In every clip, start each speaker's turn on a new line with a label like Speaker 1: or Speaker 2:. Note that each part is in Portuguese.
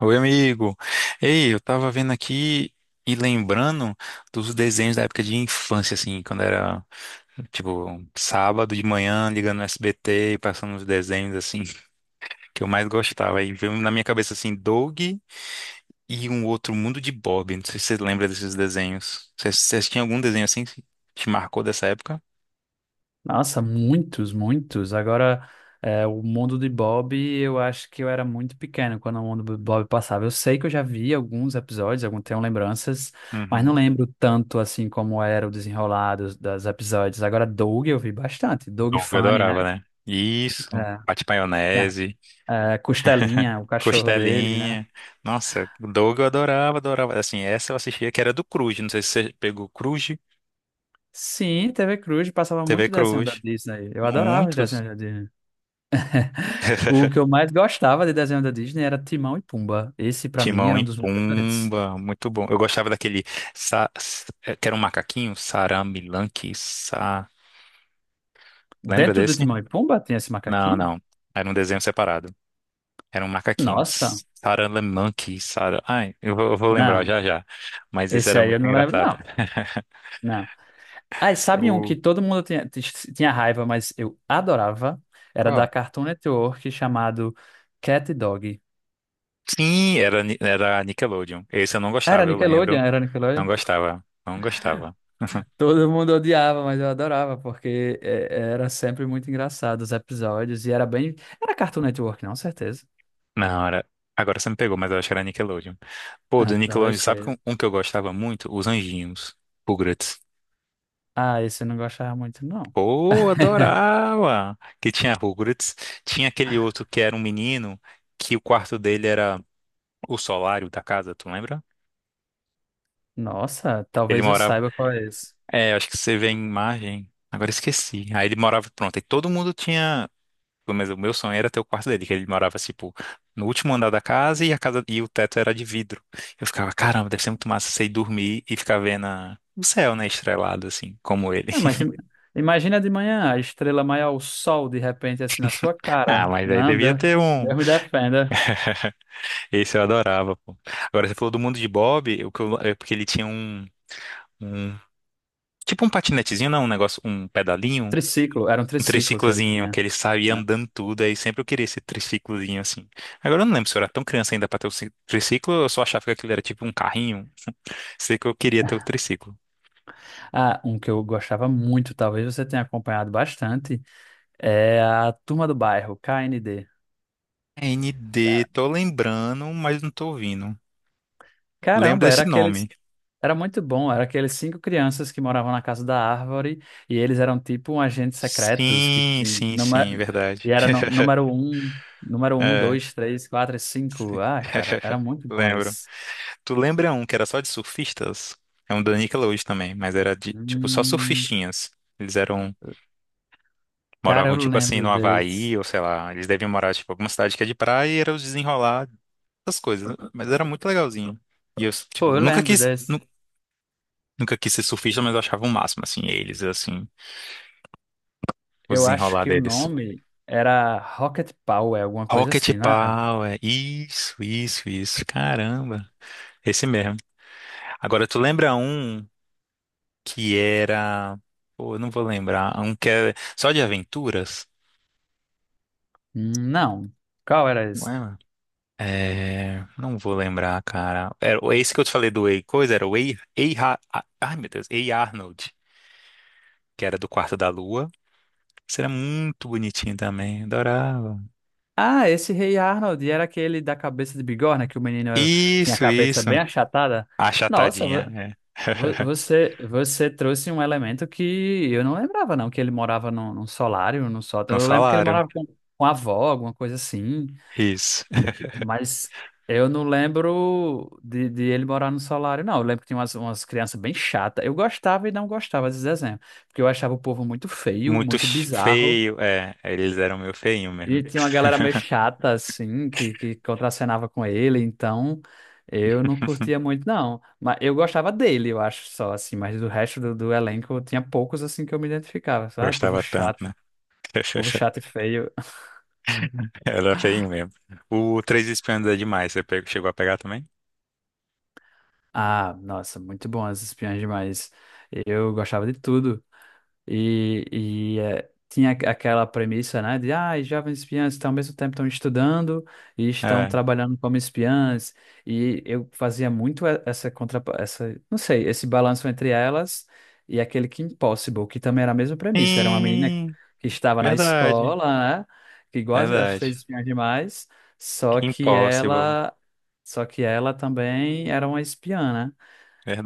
Speaker 1: Oi, amigo. Ei, eu tava vendo aqui e lembrando dos desenhos da época de infância, assim, quando era, tipo, sábado de manhã, ligando no SBT e passando os desenhos, assim, que eu mais gostava. Aí veio na minha cabeça, assim, Doug e um outro Mundo de Bob. Não sei se você lembra desses desenhos. Você tinha algum desenho assim que te marcou dessa época?
Speaker 2: Nossa, muitos, muitos. Agora, o mundo de Bob, eu acho que eu era muito pequeno quando o mundo de Bob passava. Eu sei que eu já vi alguns episódios, algum, tenho lembranças, mas não
Speaker 1: Uhum.
Speaker 2: lembro tanto assim como era o desenrolar dos episódios. Agora, Doug eu vi bastante. Doug
Speaker 1: Doug, eu
Speaker 2: Funny, né?
Speaker 1: adorava, né? Isso.
Speaker 2: É,
Speaker 1: Pate
Speaker 2: yeah.
Speaker 1: Maionese.
Speaker 2: É, Costelinha, o cachorro dele, né?
Speaker 1: Costelinha. Nossa, o Doug eu adorava, adorava. Assim, essa eu assistia que era do Cruz. Não sei se você pegou Cruz,
Speaker 2: Sim, TV Cruz passava
Speaker 1: TV
Speaker 2: muito desenho da
Speaker 1: Cruz.
Speaker 2: Disney. Eu adorava os
Speaker 1: Muitos.
Speaker 2: desenhos da Disney. O que eu mais gostava de desenho da Disney era Timão e Pumba. Esse, pra mim,
Speaker 1: Timão
Speaker 2: era
Speaker 1: e
Speaker 2: um dos meus preferidos.
Speaker 1: Pumba, muito bom. Eu gostava daquele que era um macaquinho, Saramilanque, sa. Lembra
Speaker 2: Dentro do
Speaker 1: desse?
Speaker 2: Timão e Pumba tem esse
Speaker 1: Não,
Speaker 2: macaquinho?
Speaker 1: não. Era um desenho separado. Era um macaquinho.
Speaker 2: Nossa,
Speaker 1: Saramilanque, Sara. Ai, eu vou lembrar
Speaker 2: não.
Speaker 1: já já. Mas esse
Speaker 2: Esse
Speaker 1: era
Speaker 2: aí eu
Speaker 1: muito
Speaker 2: não lembro,
Speaker 1: engraçado.
Speaker 2: não. Não. Ah, e sabe um que
Speaker 1: O
Speaker 2: todo mundo tinha, tinha raiva, mas eu adorava? Era da
Speaker 1: qual?
Speaker 2: Cartoon Network chamado Cat e Dog.
Speaker 1: Sim, era, era Nickelodeon. Esse eu não
Speaker 2: Era
Speaker 1: gostava, eu lembro.
Speaker 2: Nickelodeon, era
Speaker 1: Não
Speaker 2: Nickelodeon.
Speaker 1: gostava, não gostava.
Speaker 2: Todo mundo odiava, mas eu adorava, porque era sempre muito engraçado os episódios e era bem. Era Cartoon Network, não, certeza.
Speaker 1: Na hora. Agora você me pegou, mas eu acho que era Nickelodeon. Pô,
Speaker 2: Ah,
Speaker 1: do
Speaker 2: talvez
Speaker 1: Nickelodeon, sabe que
Speaker 2: seja.
Speaker 1: um que eu gostava muito? Os Anjinhos. Rugrats.
Speaker 2: Ah, esse eu não gostava muito, não.
Speaker 1: Pô, adorava! Que tinha Rugrats. Tinha aquele outro que era um menino, que o quarto dele era o solário da casa, tu lembra?
Speaker 2: Nossa,
Speaker 1: Ele
Speaker 2: talvez eu
Speaker 1: morava.
Speaker 2: saiba qual é esse.
Speaker 1: É, acho que você vê a imagem. Agora esqueci. Aí ele morava, pronto. E todo mundo tinha. Mas o meu sonho era ter o quarto dele, que ele morava, tipo, no último andar da casa e a casa e o teto era de vidro. Eu ficava, caramba, deve ser muito massa você ir dormir e ficar vendo o céu, né, estrelado, assim, como ele.
Speaker 2: Ah, mas imagina de manhã a estrela maior, o sol, de repente, assim, na sua
Speaker 1: Ah,
Speaker 2: cara.
Speaker 1: mas aí
Speaker 2: Não,
Speaker 1: devia
Speaker 2: Deus,
Speaker 1: ter um.
Speaker 2: Deus me defenda.
Speaker 1: Esse eu adorava, pô. Agora, você falou do mundo de Bob, é porque ele tinha um, um- tipo um patinetezinho, não, um negócio, um pedalinho,
Speaker 2: Triciclo, era um
Speaker 1: um
Speaker 2: triciclo que ele
Speaker 1: triciclozinho que
Speaker 2: tinha.
Speaker 1: ele saía
Speaker 2: Né?
Speaker 1: andando tudo, aí sempre eu queria esse triciclozinho assim. Agora eu não lembro se eu era tão criança ainda pra ter o triciclo, ou eu só achava que aquilo era tipo um carrinho. Sei que eu queria ter o triciclo.
Speaker 2: Ah, um que eu gostava muito, talvez você tenha acompanhado bastante, é a Turma do Bairro, KND.
Speaker 1: ND, tô lembrando, mas não tô ouvindo. Lembro
Speaker 2: Caramba, era
Speaker 1: desse
Speaker 2: aquele.
Speaker 1: nome.
Speaker 2: Era muito bom, era aqueles cinco crianças que moravam na casa da árvore e eles eram tipo um agentes secretos
Speaker 1: Sim, sim, sim, verdade.
Speaker 2: e era número um,
Speaker 1: É,
Speaker 2: dois, três, quatro, e cinco. Ah, cara, era muito bom
Speaker 1: lembro.
Speaker 2: esse.
Speaker 1: Tu lembra um que era só de surfistas? É um da Nickelodeon também, mas era de, tipo, só
Speaker 2: Hum,
Speaker 1: surfistinhas. Eles eram
Speaker 2: cara, eu
Speaker 1: moravam, tipo assim,
Speaker 2: lembro
Speaker 1: no Havaí,
Speaker 2: desse.
Speaker 1: ou sei lá. Eles deviam morar, tipo, alguma cidade que é de praia e era os desenrolar essas coisas. Né? Mas era muito legalzinho. E eu, tipo,
Speaker 2: Pô,
Speaker 1: eu
Speaker 2: eu
Speaker 1: nunca
Speaker 2: lembro
Speaker 1: quis,
Speaker 2: desse.
Speaker 1: nu- nunca quis ser surfista, mas eu achava o máximo, assim, eles, assim, o
Speaker 2: Eu acho
Speaker 1: desenrolar
Speaker 2: que o
Speaker 1: deles.
Speaker 2: nome era Rocket Power, alguma coisa
Speaker 1: Rocket
Speaker 2: assim, não era?
Speaker 1: Power, isso, isso, isso. Caramba, esse mesmo. Agora, tu lembra um que era. Pô, eu não vou lembrar. Um que é só de aventuras?
Speaker 2: Não. Qual era esse?
Speaker 1: É, não vou lembrar, cara. Era, esse que eu te falei do Ei Coisa era o Ai, meu Deus, Ei Arnold, que era do Quarto da Lua. Isso era muito bonitinho também, adorava.
Speaker 2: Ah, esse Rei Arnold era aquele da cabeça de bigorna que o menino tinha a
Speaker 1: Isso,
Speaker 2: cabeça
Speaker 1: isso.
Speaker 2: bem achatada. Nossa,
Speaker 1: Achatadinha, é.
Speaker 2: Você, você trouxe um elemento que eu não lembrava, não, que ele morava num, num solário, num sótão.
Speaker 1: Não
Speaker 2: Eu lembro que ele
Speaker 1: falaram.
Speaker 2: morava com a avó, alguma coisa assim,
Speaker 1: Isso.
Speaker 2: mas eu não lembro de ele morar no solário, não. Eu lembro que tinha umas, umas crianças bem chatas. Eu gostava e não gostava desse desenho, porque eu achava o povo muito feio,
Speaker 1: Muito
Speaker 2: muito bizarro.
Speaker 1: feio, é. Eles eram meio feinho
Speaker 2: E
Speaker 1: mesmo.
Speaker 2: tinha uma galera meio chata, assim, que contracenava com ele, então eu não curtia muito, não. Mas eu gostava dele, eu acho, só, assim, mas do resto do elenco tinha poucos, assim, que eu me identificava. Ai,
Speaker 1: Gostava tanto, né?
Speaker 2: povo chato e feio.
Speaker 1: Era feinho mesmo. O Três Espiãs é demais. Chegou a pegar também?
Speaker 2: Ah, nossa, muito bom as espiãs demais. Eu gostava de tudo. Tinha aquela premissa, né, de ah, os jovens espiãs estão ao mesmo tempo estão estudando e estão
Speaker 1: É.
Speaker 2: trabalhando como espiãs. E eu fazia muito essa contra, essa, não sei, esse balanço entre elas e aquele Kim Possible, que também era a mesma premissa. Era uma menina
Speaker 1: Sim,
Speaker 2: que estava na
Speaker 1: verdade.
Speaker 2: escola, né, que igual as, as
Speaker 1: Verdade.
Speaker 2: três espiãs demais, só que
Speaker 1: Impossible.
Speaker 2: ela, só que ela também era uma espiã, né?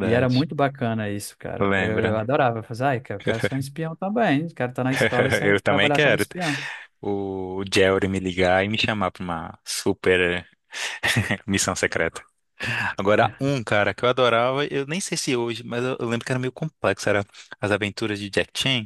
Speaker 2: E era muito bacana isso, cara. Eu
Speaker 1: Lembra?
Speaker 2: eu adorava. Eu falava, ai, cara, eu quero ser um espião também. Quero estar na escola e sair
Speaker 1: Eu também
Speaker 2: trabalhar como
Speaker 1: quero
Speaker 2: espião.
Speaker 1: o Jerry me ligar e me chamar pra uma super missão secreta. Agora, um cara que eu adorava, eu nem sei se hoje, mas eu lembro que era meio complexo. Era As Aventuras de Jack Chan.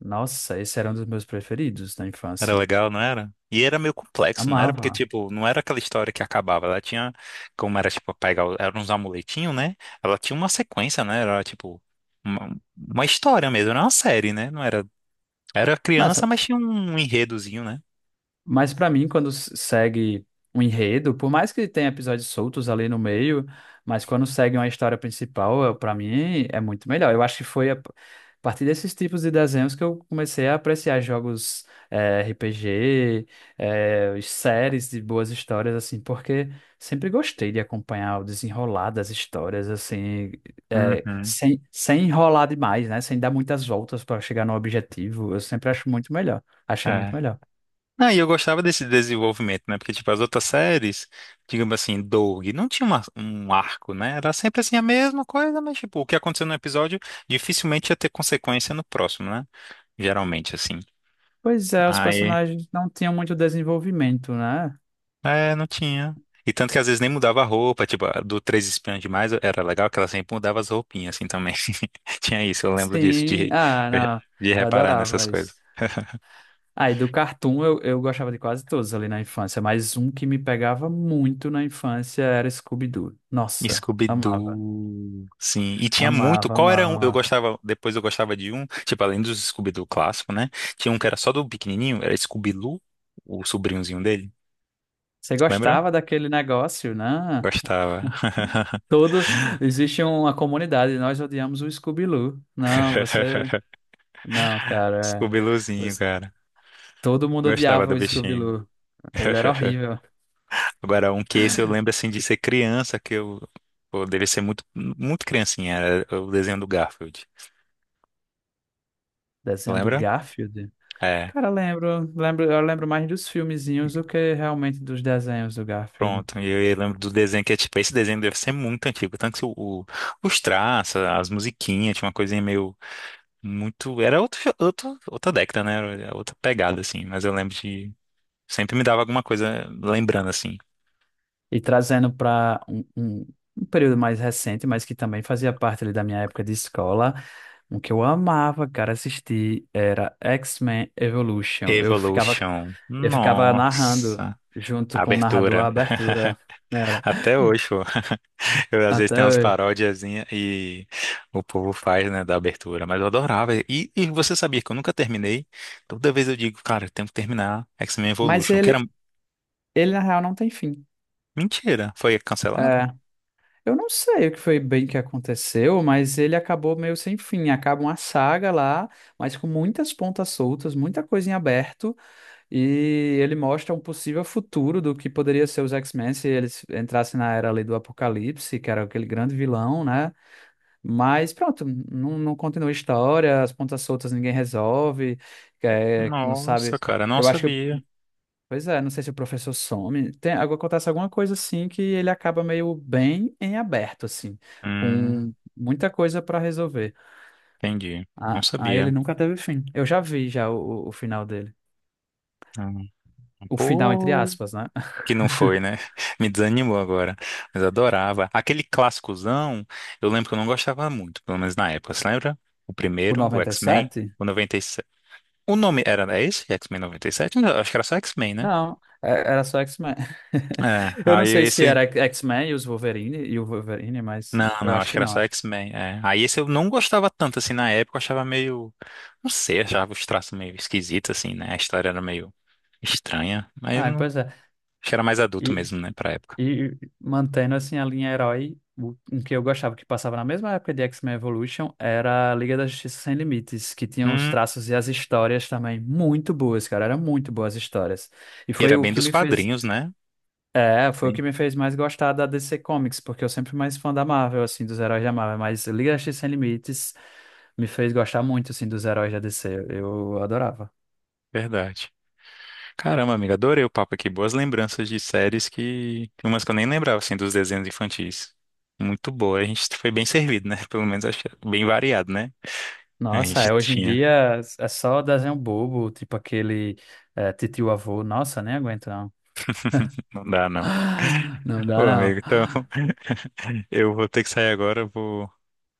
Speaker 2: Nossa, esse era um dos meus preferidos na
Speaker 1: Era
Speaker 2: infância.
Speaker 1: legal, não era? E era meio complexo, não era? Porque,
Speaker 2: Amava.
Speaker 1: tipo, não era aquela história que acabava. Ela tinha, como era, tipo, pegar, eram uns amuletinhos, né? Ela tinha uma sequência, né? Era, tipo, uma, uma história mesmo, não era uma série, né? Não era. Era criança,
Speaker 2: Nossa,
Speaker 1: mas tinha um enredozinho, né?
Speaker 2: mas pra mim, quando segue um enredo, por mais que tenha episódios soltos ali no meio, mas quando segue uma história principal, pra mim é muito melhor. Eu acho que foi a partir desses tipos de desenhos que eu comecei a apreciar jogos RPG, séries de boas histórias, assim, porque sempre gostei de acompanhar o desenrolar das histórias, assim,
Speaker 1: Uhum,
Speaker 2: sem enrolar demais, né? Sem dar muitas voltas pra chegar no objetivo. Eu sempre acho muito melhor. Achei muito
Speaker 1: é.
Speaker 2: melhor.
Speaker 1: Ah, e eu gostava desse desenvolvimento, né? Porque, tipo, as outras séries, digamos assim, Doug, não tinha um arco, né? Era sempre assim a mesma coisa, mas, tipo, o que aconteceu no episódio dificilmente ia ter consequência no próximo, né? Geralmente, assim.
Speaker 2: Pois é, os
Speaker 1: Aí,
Speaker 2: personagens não tinham muito desenvolvimento, né?
Speaker 1: é, não tinha. E tanto que às vezes nem mudava a roupa, tipo, a do Três Espiãs Demais era legal que ela sempre mudava as roupinhas, assim, também. Tinha isso, eu lembro disso,
Speaker 2: Sim, ah, não,
Speaker 1: de
Speaker 2: eu
Speaker 1: reparar nessas
Speaker 2: adorava isso.
Speaker 1: coisas.
Speaker 2: Aí do cartoon eu gostava de quase todos ali na infância, mas um que me pegava muito na infância era Scooby-Doo. Nossa, amava,
Speaker 1: Scooby-Doo, sim. E tinha muito.
Speaker 2: amava,
Speaker 1: Qual era
Speaker 2: amava,
Speaker 1: um? Eu
Speaker 2: amava.
Speaker 1: gostava. Depois eu gostava de um. Tipo, além dos Scooby-Doo clássico, né? Tinha um que era só do pequenininho. Era Scooby-Loo, o sobrinhozinho dele.
Speaker 2: Você
Speaker 1: Lembra?
Speaker 2: gostava daquele negócio, né?
Speaker 1: Gostava.
Speaker 2: Todo, existe uma comunidade, nós odiamos o Scooby-Doo. Não, você, não, cara, é,
Speaker 1: Scooby-Loozinho,
Speaker 2: você-
Speaker 1: cara.
Speaker 2: todo mundo
Speaker 1: Gostava
Speaker 2: odiava
Speaker 1: do
Speaker 2: o
Speaker 1: bichinho.
Speaker 2: Scooby-Doo. Ele era horrível.
Speaker 1: Agora, um que esse eu lembro assim de ser criança, que eu. Pô, devia ser muito, muito criancinha. Era o desenho do Garfield.
Speaker 2: Desenho do
Speaker 1: Lembra?
Speaker 2: Garfield.
Speaker 1: É.
Speaker 2: Cara, lembro, lembro, eu lembro mais dos filmezinhos do que realmente dos desenhos do Garfield.
Speaker 1: Pronto, e eu lembro do desenho que é tipo, esse desenho deve ser muito antigo, tanto que o- os traços, as musiquinhas, tinha uma coisinha meio muito, era outra década, né? Era outra pegada assim, mas eu lembro de sempre me dava alguma coisa lembrando assim.
Speaker 2: E trazendo para um período mais recente, mas que também fazia parte ali da minha época de escola, um que eu amava, cara, assistir era X-Men Evolution.
Speaker 1: Evolution.
Speaker 2: Eu ficava narrando
Speaker 1: Nossa,
Speaker 2: junto com o narrador a
Speaker 1: abertura.
Speaker 2: abertura, né, era
Speaker 1: Até hoje, pô. Eu, às vezes
Speaker 2: até
Speaker 1: tem umas
Speaker 2: hoje.
Speaker 1: parodiazinhas e o povo faz, né, da abertura, mas eu adorava. E você sabia que eu nunca terminei? Toda vez eu digo, cara, eu tenho que terminar X-Men
Speaker 2: Mas
Speaker 1: Evolution, que era
Speaker 2: ele na real não tem fim.
Speaker 1: mentira. Foi cancelado?
Speaker 2: É, eu não sei o que foi bem que aconteceu, mas ele acabou meio sem fim. Acaba uma saga lá, mas com muitas pontas soltas, muita coisa em aberto, e ele mostra um possível futuro do que poderia ser os X-Men se eles entrassem na era ali do Apocalipse, que era aquele grande vilão, né? Mas pronto, não, não continua a história, as pontas soltas ninguém resolve, é, não sabe.
Speaker 1: Nossa, cara, não
Speaker 2: Eu acho que
Speaker 1: sabia.
Speaker 2: pois é, não sei se o professor some. Tem, acontece alguma coisa assim que ele acaba meio bem em aberto, assim,
Speaker 1: Hum,
Speaker 2: com muita coisa para resolver.
Speaker 1: entendi. Não
Speaker 2: Ah, aí ele
Speaker 1: sabia.
Speaker 2: nunca teve fim. Eu já vi já o final dele.
Speaker 1: Hum,
Speaker 2: O final, entre
Speaker 1: Pô,
Speaker 2: aspas, né?
Speaker 1: que não foi, né? Me desanimou agora. Mas eu adorava. Aquele clássicozão, eu lembro que eu não gostava muito, pelo menos na época. Você lembra? O
Speaker 2: O
Speaker 1: primeiro, o
Speaker 2: noventa e
Speaker 1: X-Men,
Speaker 2: sete
Speaker 1: o 97. O nome era, é esse? X-Men 97? Não, acho que era só X-Men, né?
Speaker 2: Não, era só X-Men.
Speaker 1: É,
Speaker 2: Eu não
Speaker 1: aí
Speaker 2: sei se
Speaker 1: esse.
Speaker 2: era X-Men e os Wolverine e o Wolverine, mas
Speaker 1: Não,
Speaker 2: eu
Speaker 1: não,
Speaker 2: acho
Speaker 1: acho que
Speaker 2: que
Speaker 1: era
Speaker 2: não,
Speaker 1: só
Speaker 2: acho.
Speaker 1: X-Men. É. Aí esse eu não gostava tanto, assim, na época, eu achava meio. Não sei, achava os traços meio esquisitos, assim, né? A história era meio estranha, mas eu
Speaker 2: Ah,
Speaker 1: não.
Speaker 2: pois é.
Speaker 1: Acho que era mais adulto mesmo, né, pra época.
Speaker 2: E mantendo assim a linha herói, o um que eu gostava que passava na mesma época de X-Men Evolution era a Liga da Justiça Sem Limites, que tinha os
Speaker 1: Hum,
Speaker 2: traços e as histórias também muito boas, cara, eram muito boas histórias. E
Speaker 1: e
Speaker 2: foi
Speaker 1: era
Speaker 2: o
Speaker 1: bem
Speaker 2: que
Speaker 1: dos
Speaker 2: me fez,
Speaker 1: quadrinhos, né?
Speaker 2: é, foi o
Speaker 1: Bem,
Speaker 2: que me fez mais gostar da DC Comics, porque eu sempre fui mais fã da Marvel assim, dos heróis da Marvel, mas Liga da Justiça Sem Limites me fez gostar muito assim dos heróis da DC, eu adorava.
Speaker 1: verdade. Caramba, amiga, adorei o papo aqui. Boas lembranças de séries que. Umas que eu nem lembrava, assim, dos desenhos infantis. Muito boa. A gente foi bem servido, né? Pelo menos acho que é bem variado, né? A
Speaker 2: Nossa,
Speaker 1: gente
Speaker 2: é, hoje em
Speaker 1: tinha.
Speaker 2: dia é só desenho bobo, tipo aquele é, Titio Avô, nossa, nem aguento não.
Speaker 1: Não dá, não.
Speaker 2: Não dá,
Speaker 1: Pô,
Speaker 2: não.
Speaker 1: amigo, então eu vou ter que sair agora, vou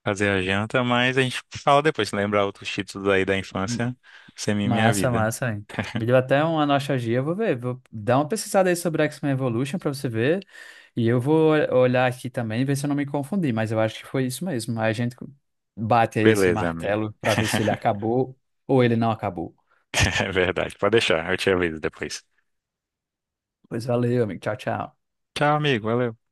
Speaker 1: fazer a janta, mas a gente fala depois. Se lembrar outros títulos aí da infância, você me minha
Speaker 2: Massa,
Speaker 1: vida.
Speaker 2: massa, hein? Me deu até uma nostalgia. Eu vou ver, vou dar uma pesquisada aí sobre X-Men Evolution pra você ver. E eu vou olhar aqui também, e ver se eu não me confundi, mas eu acho que foi isso mesmo. Aí a gente bate aí esse
Speaker 1: Beleza, amigo.
Speaker 2: martelo pra ver se ele acabou ou ele não acabou.
Speaker 1: É verdade. Pode deixar, eu te aviso depois.
Speaker 2: Pois valeu, amigo. Tchau, tchau.
Speaker 1: Tchau, amigo. Valeu.